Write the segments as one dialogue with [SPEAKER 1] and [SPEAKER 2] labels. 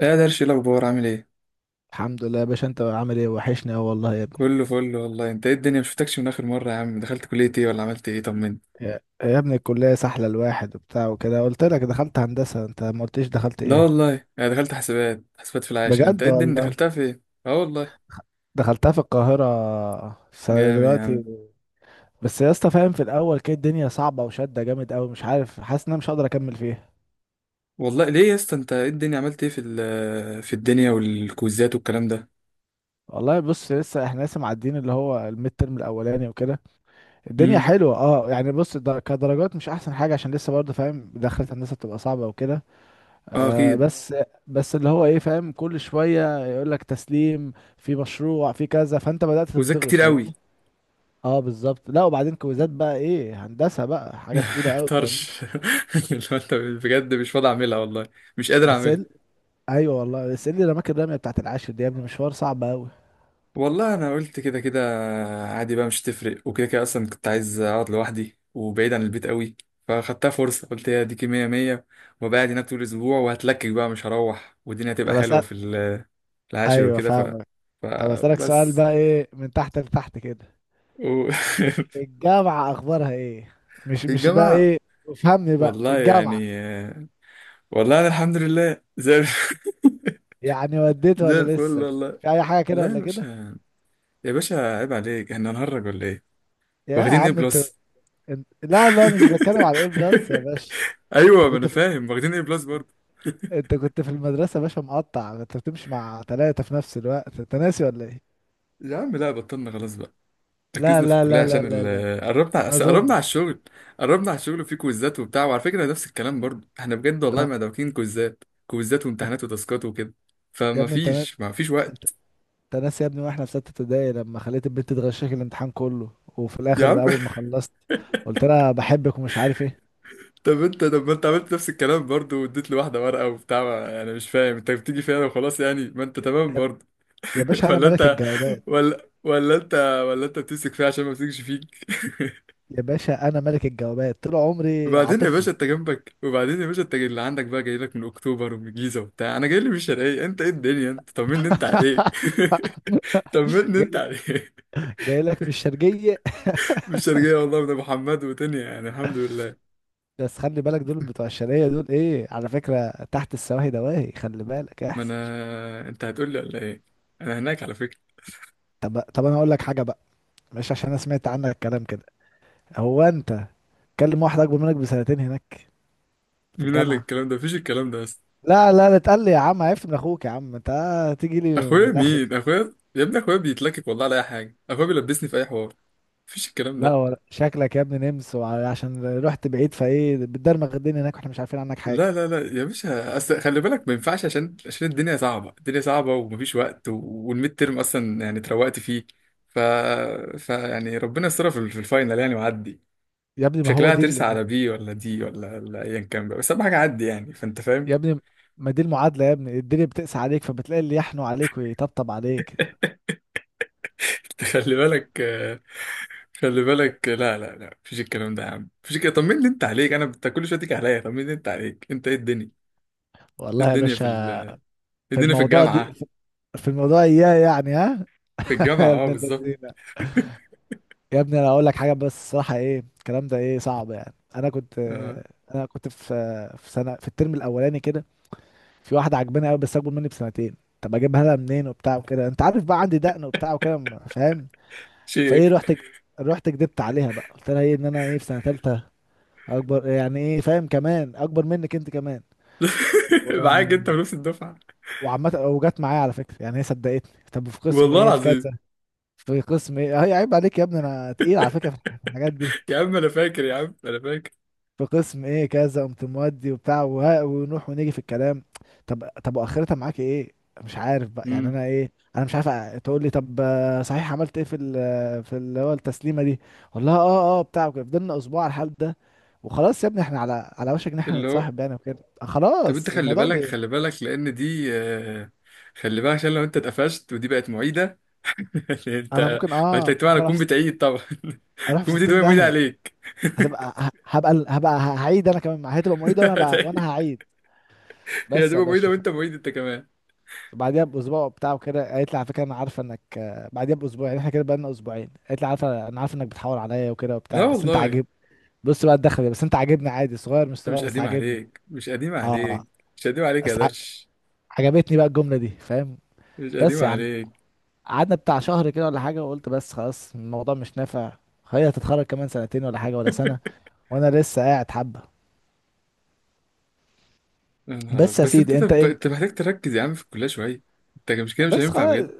[SPEAKER 1] ايه يا درش، إيه الاخبار؟ عامل ايه؟
[SPEAKER 2] الحمد لله يا باشا، انت عامل ايه؟ وحشني اه والله يا ابني.
[SPEAKER 1] كله فل والله. انت ايه الدنيا؟ مشفتكش من اخر مره يا عم. دخلت كليه ايه ولا عملت ايه؟ طمني.
[SPEAKER 2] يا ابني الكلية سحلة الواحد وبتاع وكده. قلت لك دخلت هندسة، انت ما قلتش دخلت
[SPEAKER 1] لا
[SPEAKER 2] ايه؟
[SPEAKER 1] والله، انا دخلت حسابات في العاشر. انت ايه
[SPEAKER 2] بجد
[SPEAKER 1] الدنيا؟
[SPEAKER 2] والله.
[SPEAKER 1] دخلتها في ايه؟ اه والله.
[SPEAKER 2] دخلتها في القاهرة السنة
[SPEAKER 1] جامد يا
[SPEAKER 2] دلوقتي.
[SPEAKER 1] عم.
[SPEAKER 2] بس يا اسطى، فاهم، في الاول كده الدنيا صعبة وشدة جامد قوي، مش عارف، حاسس ان انا مش هقدر اكمل فيها.
[SPEAKER 1] والله ليه يا اسطى؟ انت ايه الدنيا؟ عملت ايه في الدنيا والكوزات والكلام ده؟
[SPEAKER 2] والله بص، لسه احنا لسه معديين اللي هو الميد ترم الاولاني وكده. الدنيا
[SPEAKER 1] امم.
[SPEAKER 2] حلوة اه يعني، بص، كدرجات مش احسن حاجة عشان لسه برضه، فاهم، دخلت هندسة بتبقى صعبة وكده.
[SPEAKER 1] اه
[SPEAKER 2] آه
[SPEAKER 1] اكيد.
[SPEAKER 2] بس. بس اللي هو ايه، فاهم، كل شويه يقول لك تسليم في مشروع في كذا، فانت بدات
[SPEAKER 1] كوزات
[SPEAKER 2] تتضغط،
[SPEAKER 1] كتير
[SPEAKER 2] فاهم.
[SPEAKER 1] قوي.
[SPEAKER 2] اه بالظبط. لا وبعدين كويزات بقى، ايه، هندسه بقى حاجه تقيله قوي، فاهم.
[SPEAKER 1] طرش اللي هو، انت بجد مش فاضي اعملها والله. مش قادر.
[SPEAKER 2] بس ال... ايوه والله. بس ايه اللي رماك الرميه بتاعت العاشر دي يا ابني؟ مشوار صعب قوي.
[SPEAKER 1] والله انا قلت كده كده. عادي بقى، مش تفرق، وكده كده اصلا كنت عايز اقعد لوحدي وبعيد عن البيت قوي. فخدتها فرصه، قلت هي ديكي مية مية. وأبقى قاعد هناك طول الاسبوع وهتلكك بقى مش هروح، والدنيا هتبقى
[SPEAKER 2] طب
[SPEAKER 1] حلوه
[SPEAKER 2] اسال
[SPEAKER 1] العاشر
[SPEAKER 2] ايوه
[SPEAKER 1] وكده
[SPEAKER 2] فاهمك. طب اسالك سؤال
[SPEAKER 1] فبس
[SPEAKER 2] بقى، ايه من تحت لتحت كده
[SPEAKER 1] و...
[SPEAKER 2] الجامعه اخبارها ايه؟ مش
[SPEAKER 1] في
[SPEAKER 2] مش بقى
[SPEAKER 1] الجامعه.
[SPEAKER 2] ايه، افهمني بقى
[SPEAKER 1] والله يعني.
[SPEAKER 2] الجامعه
[SPEAKER 1] والله انا الحمد لله زي
[SPEAKER 2] يعني، وديت
[SPEAKER 1] زي
[SPEAKER 2] ولا
[SPEAKER 1] الفل
[SPEAKER 2] لسه
[SPEAKER 1] والله.
[SPEAKER 2] في اي حاجه كده
[SPEAKER 1] لا يا
[SPEAKER 2] ولا كده؟
[SPEAKER 1] باشا. يا باشا عيب عليك، احنا هنهرج ولا ايه؟
[SPEAKER 2] يا
[SPEAKER 1] واخدين ايه
[SPEAKER 2] عم انت،
[SPEAKER 1] بلس؟
[SPEAKER 2] لا لا، مش بتكلم على ايه بلس يا باشا.
[SPEAKER 1] ايوه
[SPEAKER 2] انت
[SPEAKER 1] ما
[SPEAKER 2] كنت
[SPEAKER 1] انا
[SPEAKER 2] في...
[SPEAKER 1] فاهم واخدين ايه بلس برضه.
[SPEAKER 2] انت كنت في المدرسة يا باشا مقطع، انت بتمشي مع ثلاثة في نفس الوقت، انت ناسي ولا ايه؟
[SPEAKER 1] يا عم لا، بطلنا خلاص بقى.
[SPEAKER 2] لا
[SPEAKER 1] ركزنا في
[SPEAKER 2] لا
[SPEAKER 1] الكليه
[SPEAKER 2] لا لا
[SPEAKER 1] عشان
[SPEAKER 2] لا لا، ما
[SPEAKER 1] أصل قربنا على
[SPEAKER 2] اظنش.
[SPEAKER 1] الشغل. قربنا على الشغل، وفي كويزات وبتاع، وعلى فكره نفس الكلام برضه احنا بجد والله
[SPEAKER 2] لا.
[SPEAKER 1] ما دابكين كويزات كويزات
[SPEAKER 2] انت...
[SPEAKER 1] وامتحانات وتاسكات وكده.
[SPEAKER 2] يا
[SPEAKER 1] فما
[SPEAKER 2] ابني انت نا...
[SPEAKER 1] فيش ما فيش
[SPEAKER 2] انت
[SPEAKER 1] وقت.
[SPEAKER 2] انت ناسي يا ابني واحنا في ستة ابتدائي لما خليت البنت تغشك الامتحان كله، وفي
[SPEAKER 1] يا عم.
[SPEAKER 2] الاخر اول ما خلصت قلت لها بحبك ومش عارف ايه؟
[SPEAKER 1] طب ما انت عملت نفس الكلام برضه، واديت لي واحده ورقه وبتاع، انا مش فاهم، انت بتيجي فيها وخلاص يعني ما انت تمام برضه.
[SPEAKER 2] يا باشا انا
[SPEAKER 1] ولا
[SPEAKER 2] ملك
[SPEAKER 1] انت.
[SPEAKER 2] الجوابات.
[SPEAKER 1] ولا انت. ولا انت بتمسك فيها عشان ما بتمسكش فيك.
[SPEAKER 2] يا باشا انا ملك الجوابات، طول عمري
[SPEAKER 1] وبعدين يا
[SPEAKER 2] عاطفي.
[SPEAKER 1] باشا انت جنبك، وبعدين يا باشا انت اللي عندك بقى، جاي لك من اكتوبر ومن الجيزه وبتاع، انا جاي لي من الشرقيه. انت ايه الدنيا؟ انت طمني انت عليك. طمني
[SPEAKER 2] جاي
[SPEAKER 1] انت
[SPEAKER 2] لك،
[SPEAKER 1] عليك.
[SPEAKER 2] جاي لك مش شرجية.
[SPEAKER 1] من الشرقيه والله، من ابو حماد ودنيا يعني الحمد لله.
[SPEAKER 2] بس خلي بالك، دول بتوع الشرقية دول، ايه على فكرة، تحت السواهي دواهي، خلي بالك
[SPEAKER 1] ما
[SPEAKER 2] احذر.
[SPEAKER 1] انا، انت هتقول لي ولا ايه؟ انا هناك على فكره.
[SPEAKER 2] طب انا اقول لك حاجة بقى، مش عشان انا سمعت عنك الكلام كده. هو انت تكلم واحد اكبر منك بسنتين هناك في
[SPEAKER 1] مين قال لك
[SPEAKER 2] الجامعة؟
[SPEAKER 1] الكلام ده؟ مفيش الكلام ده اصلا.
[SPEAKER 2] لا لا لا، تقل لي يا عم؟ عرفت من اخوك يا عم انت، تيجي لي من
[SPEAKER 1] اخويا؟
[SPEAKER 2] الاخر.
[SPEAKER 1] مين اخويا يا ابني؟ اخويا بيتلكك والله على اي حاجه، اخويا بيلبسني في اي حوار. مفيش الكلام
[SPEAKER 2] لا،
[SPEAKER 1] ده.
[SPEAKER 2] ولا شكلك يا ابني نمس، عشان رحت بعيد فايه بتدرمغ الدنيا هناك واحنا مش عارفين عنك
[SPEAKER 1] لا،
[SPEAKER 2] حاجة.
[SPEAKER 1] لا، لا يا باشا، اصل خلي بالك ما ينفعش، عشان الدنيا صعبه، الدنيا صعبه، ومفيش وقت والميد ترم اصلا يعني اتروقت فيه. ف... ف يعني ربنا يسترها في الفاينل يعني وعدي.
[SPEAKER 2] يا ابني ما هو
[SPEAKER 1] شكلها
[SPEAKER 2] دي اللي
[SPEAKER 1] هترسى على بي ولا دي ولا ايا كان بقى، بس اهم حاجه عدي يعني، فانت فاهم.
[SPEAKER 2] يا ابني ما دي المعادلة، يا ابني الدنيا بتقسى عليك فبتلاقي اللي يحنوا عليك ويطبطب عليك.
[SPEAKER 1] خلي بالك خلي بالك لا، لا، لا، مفيش الكلام ده يا عم، مفيش الكلام. طمني انت عليك. انا كل شويه تيجي عليا، طمني انت عليك، انت ايه الدنيا؟ إيه
[SPEAKER 2] والله يا
[SPEAKER 1] الدنيا
[SPEAKER 2] باشا،
[SPEAKER 1] إيه
[SPEAKER 2] في
[SPEAKER 1] الدنيا في
[SPEAKER 2] الموضوع دي،
[SPEAKER 1] الجامعه؟
[SPEAKER 2] في الموضوع اياه يعني، ها؟
[SPEAKER 1] في
[SPEAKER 2] يا
[SPEAKER 1] الجامعه اه
[SPEAKER 2] ابن
[SPEAKER 1] بالظبط.
[SPEAKER 2] اللذينه، يا ابني انا اقول لك حاجه بس الصراحه، ايه الكلام ده، ايه صعب يعني. انا كنت
[SPEAKER 1] آه.
[SPEAKER 2] انا كنت في سنه، في الترم الاولاني كده، في واحده عجباني قوي بس اكبر مني بسنتين. طب اجيبها لها منين وبتاع وكده؟ انت عارف بقى عندي دقن وبتاع وكده فاهم. فايه
[SPEAKER 1] شيخ.
[SPEAKER 2] رحت كدبت عليها بقى، قلت لها ايه ان انا ايه في سنه ثالثه، اكبر يعني، ايه فاهم، كمان اكبر منك انت كمان. و...
[SPEAKER 1] معاك انت ونفس الدفعه.
[SPEAKER 2] وعامه وجت معايا على فكره، يعني هي صدقتني. طب في قسم
[SPEAKER 1] والله
[SPEAKER 2] ايه، في
[SPEAKER 1] العظيم.
[SPEAKER 2] كذا، في قسم ايه. هي عيب عليك يا ابني، انا تقيل على فكره في الحاجات دي.
[SPEAKER 1] يا عم انا فاكر، يا عم انا فاكر.
[SPEAKER 2] في قسم ايه كذا، قمت مودي وبتاع وها، ونروح ونيجي في الكلام. طب واخرتها معاك ايه؟ مش عارف بقى يعني،
[SPEAKER 1] امم.
[SPEAKER 2] انا ايه، انا مش عارف تقول لي طب صحيح عملت ايه في في اللي هو التسليمه دي؟ والله، بتاع وكده. فضلنا اسبوع على الحال ده، وخلاص يا ابني احنا على وشك ان احنا
[SPEAKER 1] اللي هو،
[SPEAKER 2] نتصاحب يعني، وكده
[SPEAKER 1] طب انت،
[SPEAKER 2] خلاص
[SPEAKER 1] خلي
[SPEAKER 2] الموضوع
[SPEAKER 1] بالك خلي بالك لان دي خلي بالك عشان لو انت اتقفشت ودي بقت معيده.
[SPEAKER 2] انا
[SPEAKER 1] انت،
[SPEAKER 2] ممكن،
[SPEAKER 1] وانت طبعا
[SPEAKER 2] ممكن اروح
[SPEAKER 1] هتكون
[SPEAKER 2] في
[SPEAKER 1] بتعيد طبعا.
[SPEAKER 2] اروح في
[SPEAKER 1] تكون بتعيد
[SPEAKER 2] 60
[SPEAKER 1] وهي معيده
[SPEAKER 2] داهيه.
[SPEAKER 1] عليك.
[SPEAKER 2] هتبقى ه- هبقى هبقى هعيد انا كمان، هتبقى معيد وانا بقى
[SPEAKER 1] هتعيد،
[SPEAKER 2] وانا هعيد.
[SPEAKER 1] هي
[SPEAKER 2] بس يا
[SPEAKER 1] هتبقى معيده
[SPEAKER 2] باشا،
[SPEAKER 1] وانت معيد انت كمان.
[SPEAKER 2] بعديها باسبوع بتاعه كده، قالت لي على فكره انا عارفه انك بعديها باسبوع يعني احنا كده بقالنا اسبوعين، قالت لي عارفه، انا عارفه انك بتحاول عليا وكده
[SPEAKER 1] لا
[SPEAKER 2] وبتاع بس انت
[SPEAKER 1] والله انت.
[SPEAKER 2] عاجب. بص بقى، الدخله دي بس، انت عاجبني، عادي صغير مش صغير
[SPEAKER 1] مش
[SPEAKER 2] بس
[SPEAKER 1] قديم
[SPEAKER 2] عاجبني.
[SPEAKER 1] عليك، مش قديم
[SPEAKER 2] اه.
[SPEAKER 1] عليك. مش قديم عليك يا
[SPEAKER 2] بس ع-
[SPEAKER 1] درش.
[SPEAKER 2] عجبتني بقى الجمله دي، فاهم.
[SPEAKER 1] مش قديم
[SPEAKER 2] بس يا عم،
[SPEAKER 1] عليك.
[SPEAKER 2] قعدنا بتاع شهر كده ولا حاجه، وقلت بس خلاص الموضوع مش نافع، هي هتتخرج كمان سنتين ولا حاجه ولا سنه، وانا لسه قاعد حبه.
[SPEAKER 1] يا نهار أبيض.
[SPEAKER 2] بس يا
[SPEAKER 1] بس انت
[SPEAKER 2] سيدي، انت
[SPEAKER 1] طب
[SPEAKER 2] انت
[SPEAKER 1] انت محتاج تركز يا عم في الكليه شويه. انت مش كده مش
[SPEAKER 2] بس
[SPEAKER 1] هينفع
[SPEAKER 2] خلاص،
[SPEAKER 1] بجد.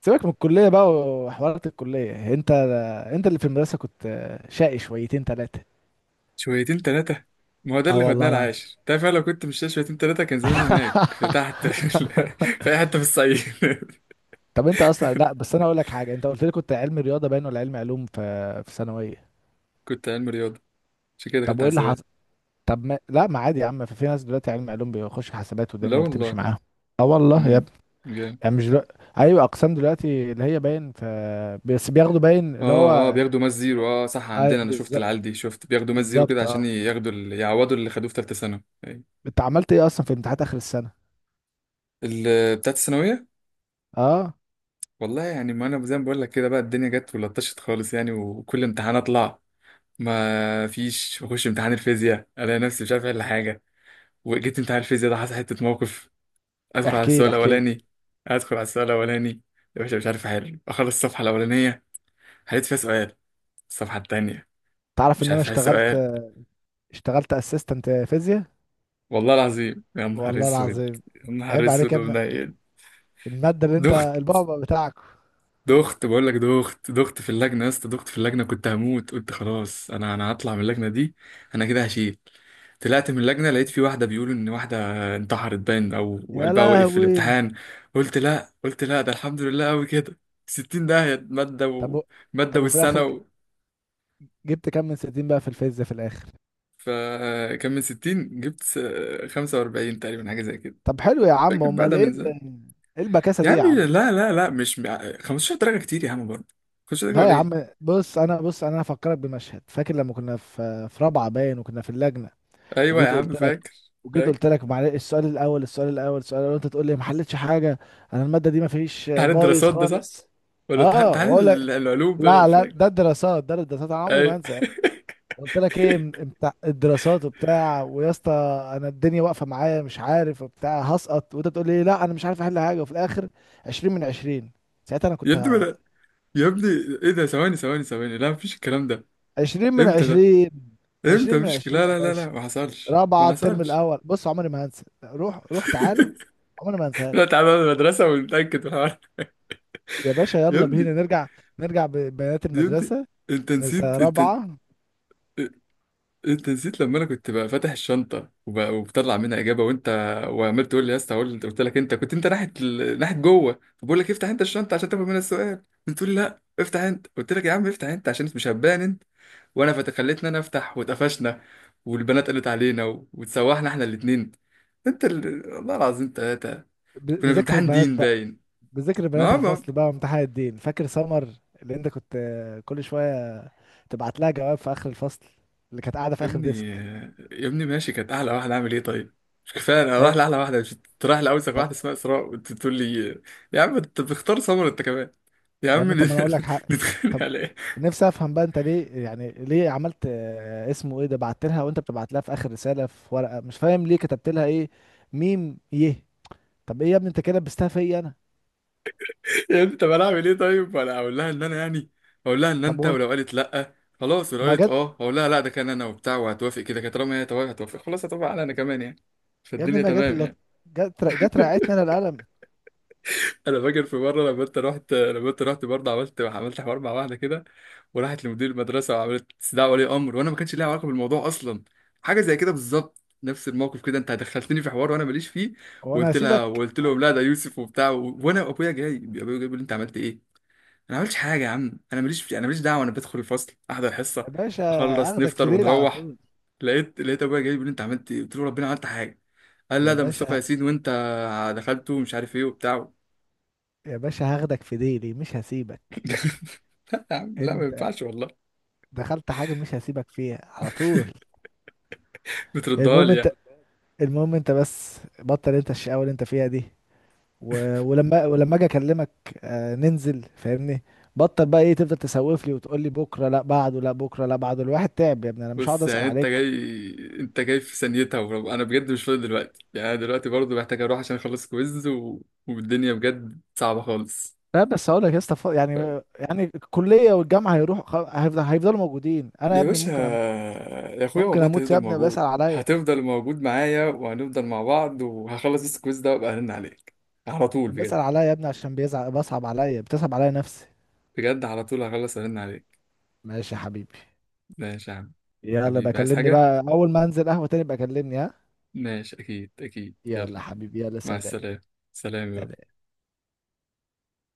[SPEAKER 2] سيبك من الكليه بقى وحوارات الكليه. انت اللي في المدرسه كنت، شقي شويتين ثلاثه،
[SPEAKER 1] شويتين ثلاثه. ما هو ده
[SPEAKER 2] اه
[SPEAKER 1] اللي خدناه
[SPEAKER 2] والله العظيم.
[SPEAKER 1] العاشر. تعرف أنا لو كنت مش شويتين ثلاثه كان زماني هناك في تحت في اي حته في الصعيد.
[SPEAKER 2] طب انت اصلا، لا بس انا اقول لك حاجه، انت قلت لي كنت علم رياضه باين ولا علم علوم في ثانويه؟
[SPEAKER 1] كنت علم رياضه. عشان كده
[SPEAKER 2] طب
[SPEAKER 1] دخلت
[SPEAKER 2] وايه اللي
[SPEAKER 1] حسابات.
[SPEAKER 2] حصل؟ طب ما... لا، ما عادي يا عم، في ناس دلوقتي علم علوم بيخش حسابات
[SPEAKER 1] لا
[SPEAKER 2] والدنيا بتمشي
[SPEAKER 1] والله.
[SPEAKER 2] معاهم، اه والله يا
[SPEAKER 1] امم.
[SPEAKER 2] ابني.
[SPEAKER 1] جامد.
[SPEAKER 2] يعني مش دلوقتي... ايوه، اقسام دلوقتي اللي هي باين، بس بياخدوا باين اللي
[SPEAKER 1] اه، اه،
[SPEAKER 2] هو،
[SPEAKER 1] بياخدوا ماس زيرو.
[SPEAKER 2] لا،
[SPEAKER 1] اه صح،
[SPEAKER 2] اي
[SPEAKER 1] عندنا انا شفت
[SPEAKER 2] بالظبط،
[SPEAKER 1] العيال دي، شفت بياخدوا ماس زيرو كده
[SPEAKER 2] بالظبط اه.
[SPEAKER 1] عشان ياخدوا يعوضوا اللي خدوه في ثالثه ثانوي. أيوة.
[SPEAKER 2] انت عملت ايه اصلا في امتحانات اخر السنه؟
[SPEAKER 1] بتاعت الثانويه.
[SPEAKER 2] اه،
[SPEAKER 1] والله يعني، ما انا زي ما بقول لك كده بقى، الدنيا جت ولطشت خالص يعني، وكل امتحان اطلع. ما فيش بخش امتحان الفيزياء الاقي نفسي مش عارف الا حاجه. وجيت امتحان الفيزياء ده، حصل حته موقف. ادخل على
[SPEAKER 2] احكي
[SPEAKER 1] السؤال
[SPEAKER 2] لي احكي لي.
[SPEAKER 1] الاولاني. ادخل على السؤال الاولاني. يا باشا مش عارف احل. اخلص الصفحه الاولانيه، حليت فيها سؤال. الصفحه التانيه،
[SPEAKER 2] تعرف
[SPEAKER 1] مش
[SPEAKER 2] ان انا
[SPEAKER 1] عارف احل
[SPEAKER 2] اشتغلت
[SPEAKER 1] سؤال.
[SPEAKER 2] اشتغلت اسيستنت فيزياء.
[SPEAKER 1] والله العظيم يا نهار
[SPEAKER 2] والله
[SPEAKER 1] اسود.
[SPEAKER 2] العظيم،
[SPEAKER 1] يا نهار
[SPEAKER 2] عيب عليك يا
[SPEAKER 1] اسود
[SPEAKER 2] ابني،
[SPEAKER 1] ومنيل.
[SPEAKER 2] المادة اللي انت
[SPEAKER 1] دخت.
[SPEAKER 2] البعبع بتاعك.
[SPEAKER 1] دخت بقول لك، دخت دخت في اللجنه يا اسطى، دخت في اللجنه، كنت هموت. قلت خلاص انا هطلع من اللجنه دي، انا كده هشيل. طلعت من اللجنة لقيت في واحدة بيقولوا إن واحدة انتحرت باين، أو
[SPEAKER 2] يا
[SPEAKER 1] وقلبها وقف في
[SPEAKER 2] لهوي.
[SPEAKER 1] الامتحان. قلت لا، قلت لا، ده الحمد لله أوي كده. ستين داهية مادة.
[SPEAKER 2] طب و-
[SPEAKER 1] ومادة
[SPEAKER 2] طب وفي الاخر
[SPEAKER 1] والسنة
[SPEAKER 2] جبت كام من 60 بقى في الفيزياء في الاخر؟
[SPEAKER 1] فكان من ستين جبت خمسة وأربعين تقريبا، حاجة زي كده.
[SPEAKER 2] طب حلو يا عم،
[SPEAKER 1] فاكر بقى،
[SPEAKER 2] امال
[SPEAKER 1] ده
[SPEAKER 2] ايه
[SPEAKER 1] من زمان.
[SPEAKER 2] ايه البكاسة
[SPEAKER 1] يا
[SPEAKER 2] دي
[SPEAKER 1] عم
[SPEAKER 2] يا عم؟
[SPEAKER 1] لا. لا، لا، مش خمستاشر درجة كتير يا عم برضه. خمستاشر درجة
[SPEAKER 2] لا يا
[SPEAKER 1] قليل.
[SPEAKER 2] عم بص، انا بص، انا هفكرك بمشهد، فاكر لما كنا في رابعة باين وكنا في اللجنة؟
[SPEAKER 1] أيوة يا
[SPEAKER 2] وجيت
[SPEAKER 1] عم
[SPEAKER 2] قلت لك
[SPEAKER 1] فاكر.
[SPEAKER 2] وجيت
[SPEAKER 1] فاكر
[SPEAKER 2] قلت لك معلش السؤال الاول، السؤال الاول، السؤال الاول، انت تقول لي ما حلتش حاجة، انا المادة دي ما فيش
[SPEAKER 1] امتحان
[SPEAKER 2] بايظ
[SPEAKER 1] الدراسات ده صح؟
[SPEAKER 2] خالص
[SPEAKER 1] ولا امتحان
[SPEAKER 2] اه،
[SPEAKER 1] امتحان
[SPEAKER 2] واقول لك
[SPEAKER 1] العلوم ده؟ أنا
[SPEAKER 2] لا
[SPEAKER 1] مش
[SPEAKER 2] لا
[SPEAKER 1] فاكر.
[SPEAKER 2] ده الدراسات، ده الدراسات انا عمري ما
[SPEAKER 1] أيوة.
[SPEAKER 2] هنسى، قلت لك ايه بتاع الدراسات وبتاع، ويا اسطى انا الدنيا واقفه معايا مش عارف وبتاع هسقط، وانت تقول لي لا انا مش عارف احل حاجه، وفي الاخر 20 من 20. ساعتها انا كنت
[SPEAKER 1] يبدو. يا ابني. ايه ده؟ ثواني، ثواني، ثواني، لا مفيش الكلام ده.
[SPEAKER 2] 20 من
[SPEAKER 1] امتى ده؟
[SPEAKER 2] 20،
[SPEAKER 1] امتى؟
[SPEAKER 2] 20 من
[SPEAKER 1] مفيش،
[SPEAKER 2] 20
[SPEAKER 1] لا،
[SPEAKER 2] يا
[SPEAKER 1] لا، لا، لا،
[SPEAKER 2] باشا،
[SPEAKER 1] ما حصلش، ما
[SPEAKER 2] رابعه الترم
[SPEAKER 1] حصلش.
[SPEAKER 2] الاول، بص عمري ما هنسى. روح روح تعالى، عمري ما هنساها
[SPEAKER 1] لا
[SPEAKER 2] لك.
[SPEAKER 1] تعالى المدرسة ونتأكد من الحوار.
[SPEAKER 2] يا باشا
[SPEAKER 1] يا
[SPEAKER 2] يلا
[SPEAKER 1] ابني.
[SPEAKER 2] بينا نرجع ببنات
[SPEAKER 1] يا ابني
[SPEAKER 2] المدرسه،
[SPEAKER 1] انت
[SPEAKER 2] نسا
[SPEAKER 1] نسيت، انت،
[SPEAKER 2] رابعه،
[SPEAKER 1] انت نسيت لما انا كنت بقى فاتح الشنطه وبطلع منها اجابه، وانت وعمال تقول لي يا اسطى، قلت لك، انت كنت ناحيه ناحيه جوه، فبقول لك افتح انت الشنطه عشان تاخد منها السؤال، بتقول لي لا افتح انت، قلت لك يا عم افتح انت عشان مش هبان انت. وانا خليتني انا افتح، واتقفشنا. والبنات قالت علينا وتسوحنا احنا الاثنين. انت والله العظيم ثلاثه. كنا في
[SPEAKER 2] بذكر
[SPEAKER 1] امتحان
[SPEAKER 2] البنات
[SPEAKER 1] دين
[SPEAKER 2] بقى،
[SPEAKER 1] باين.
[SPEAKER 2] بذكر
[SPEAKER 1] ما
[SPEAKER 2] بنات
[SPEAKER 1] هو،
[SPEAKER 2] الفصل بقى، وامتحان الدين فاكر سمر اللي انت كنت كل شويه تبعت لها جواب في اخر الفصل اللي كانت قاعده في
[SPEAKER 1] يا
[SPEAKER 2] اخر
[SPEAKER 1] ابني،
[SPEAKER 2] ديسك؟
[SPEAKER 1] يا ابني ماشي كانت احلى واحده، اعمل ايه طيب؟ مش كفايه انا رايح
[SPEAKER 2] ايوه
[SPEAKER 1] لاحلى واحده، مش كنت رايح لاوسخ
[SPEAKER 2] طب،
[SPEAKER 1] واحده اسمها اسراء، وانت بتقول لي يا عم انت بتختار سمر انت كمان؟ يا
[SPEAKER 2] يا
[SPEAKER 1] عم
[SPEAKER 2] ابني طب ما انا اقول لك حق،
[SPEAKER 1] نتخانق
[SPEAKER 2] طب
[SPEAKER 1] على ايه؟
[SPEAKER 2] نفسي افهم بقى، انت ليه يعني، ليه عملت اسمه ايه ده، بعت لها وانت بتبعت لها في اخر رساله في ورقه، مش فاهم ليه كتبت لها ايه، ميم يه. طب ايه يا ابني، انت كده لبستها فيا انا.
[SPEAKER 1] يا ابني طب انا اعمل ايه طيب؟ انا اقول لها ان انا يعني، اقول لها ان
[SPEAKER 2] طب
[SPEAKER 1] انت،
[SPEAKER 2] وانت،
[SPEAKER 1] ولو قالت لا خلاص، ولو
[SPEAKER 2] ما
[SPEAKER 1] قالت
[SPEAKER 2] جت
[SPEAKER 1] اه اقول لها لا ده كان انا وبتاع وهتوافق كده كده، طالما هي توافق هتوافق، خلاص هتوافق على انا كمان يعني،
[SPEAKER 2] يا ابني،
[SPEAKER 1] فالدنيا
[SPEAKER 2] ما جت
[SPEAKER 1] تمام
[SPEAKER 2] الا،
[SPEAKER 1] يعني.
[SPEAKER 2] جت رقعتني انا القلم.
[SPEAKER 1] انا فاكر في مره، لما انت رحت برضه، عملت حوار مع واحده كده، وراحت لمدير المدرسه وعملت استدعاء ولي امر، وانا ما كانش ليها علاقه بالموضوع اصلا. حاجه زي كده بالظبط، نفس الموقف كده، انت دخلتني في حوار وانا ماليش فيه.
[SPEAKER 2] هو انا
[SPEAKER 1] وقلت لها،
[SPEAKER 2] هسيبك؟
[SPEAKER 1] وقلت
[SPEAKER 2] آه،
[SPEAKER 1] لهم لا ده يوسف وبتاع وانا، وابويا جاي، ابويا جاي بيقول لي انت عملت ايه. انا ما عملتش حاجه يا عم، انا ماليش انا ماليش دعوه، انا بدخل الفصل احضر حصه،
[SPEAKER 2] يا باشا
[SPEAKER 1] اخلص
[SPEAKER 2] هاخدك في
[SPEAKER 1] نفطر
[SPEAKER 2] ديلي على
[SPEAKER 1] ونروح.
[SPEAKER 2] طول.
[SPEAKER 1] لقيت ابويا جاي بيقول لي انت عملت ايه، قلت له ربنا عملت حاجه؟ قال لا
[SPEAKER 2] يا
[SPEAKER 1] ده مصطفى
[SPEAKER 2] باشا،
[SPEAKER 1] ياسين، وانت دخلته مش عارف ايه وبتاع.
[SPEAKER 2] يا باشا هاخدك في ديلي مش هسيبك.
[SPEAKER 1] لا يا عم لا، ما
[SPEAKER 2] انت
[SPEAKER 1] ينفعش والله.
[SPEAKER 2] دخلت حاجة مش هسيبك فيها على طول.
[SPEAKER 1] بتردها
[SPEAKER 2] المهم
[SPEAKER 1] لي
[SPEAKER 2] انت،
[SPEAKER 1] يعني؟
[SPEAKER 2] المهم انت بس بطل انت الشقاوة اللي انت فيها دي، ولما اجي اكلمك، آه ننزل فاهمني. بطل بقى ايه تفضل تسوف لي وتقول لي بكره لا بعده لا بكره لا بعده، الواحد تعب يا ابني، انا مش هقعد
[SPEAKER 1] بص
[SPEAKER 2] اسال
[SPEAKER 1] يعني انت
[SPEAKER 2] عليك.
[SPEAKER 1] جاي، انت جاي في ثانيتها، انا بجد مش فاضي دلوقتي يعني، انا دلوقتي برضه محتاج اروح عشان اخلص كويز والدنيا بجد صعبة خالص.
[SPEAKER 2] لا بس هقول لك يا اسطى،
[SPEAKER 1] ف...
[SPEAKER 2] يعني الكليه والجامعه هيروح، هيفضلوا موجودين، انا يا
[SPEAKER 1] يا
[SPEAKER 2] ابني
[SPEAKER 1] باشا،
[SPEAKER 2] ممكن اموت،
[SPEAKER 1] يا اخويا
[SPEAKER 2] ممكن
[SPEAKER 1] والله انت
[SPEAKER 2] اموت يا
[SPEAKER 1] هتفضل
[SPEAKER 2] ابني،
[SPEAKER 1] موجود،
[SPEAKER 2] بسال عليا،
[SPEAKER 1] هتفضل موجود معايا، وهنفضل مع بعض، وهخلص بس الكويز ده وابقى ارن عليك على طول
[SPEAKER 2] بسال
[SPEAKER 1] بجد.
[SPEAKER 2] عليا يا ابني، عشان بيزعق بصعب عليا، بتصعب عليا نفسي.
[SPEAKER 1] بجد على طول هخلص ارن عليك.
[SPEAKER 2] ماشي يا حبيبي،
[SPEAKER 1] ماشي يا عم.
[SPEAKER 2] يلا
[SPEAKER 1] حبيبي عايز
[SPEAKER 2] بكلمني
[SPEAKER 1] حاجة؟
[SPEAKER 2] بقى اول ما انزل قهوة تاني بكلمني، ها؟
[SPEAKER 1] ماشي، اكيد اكيد، يلا.
[SPEAKER 2] يلا حبيبي يلا،
[SPEAKER 1] مع
[SPEAKER 2] سلام.
[SPEAKER 1] السلامة. سلام يا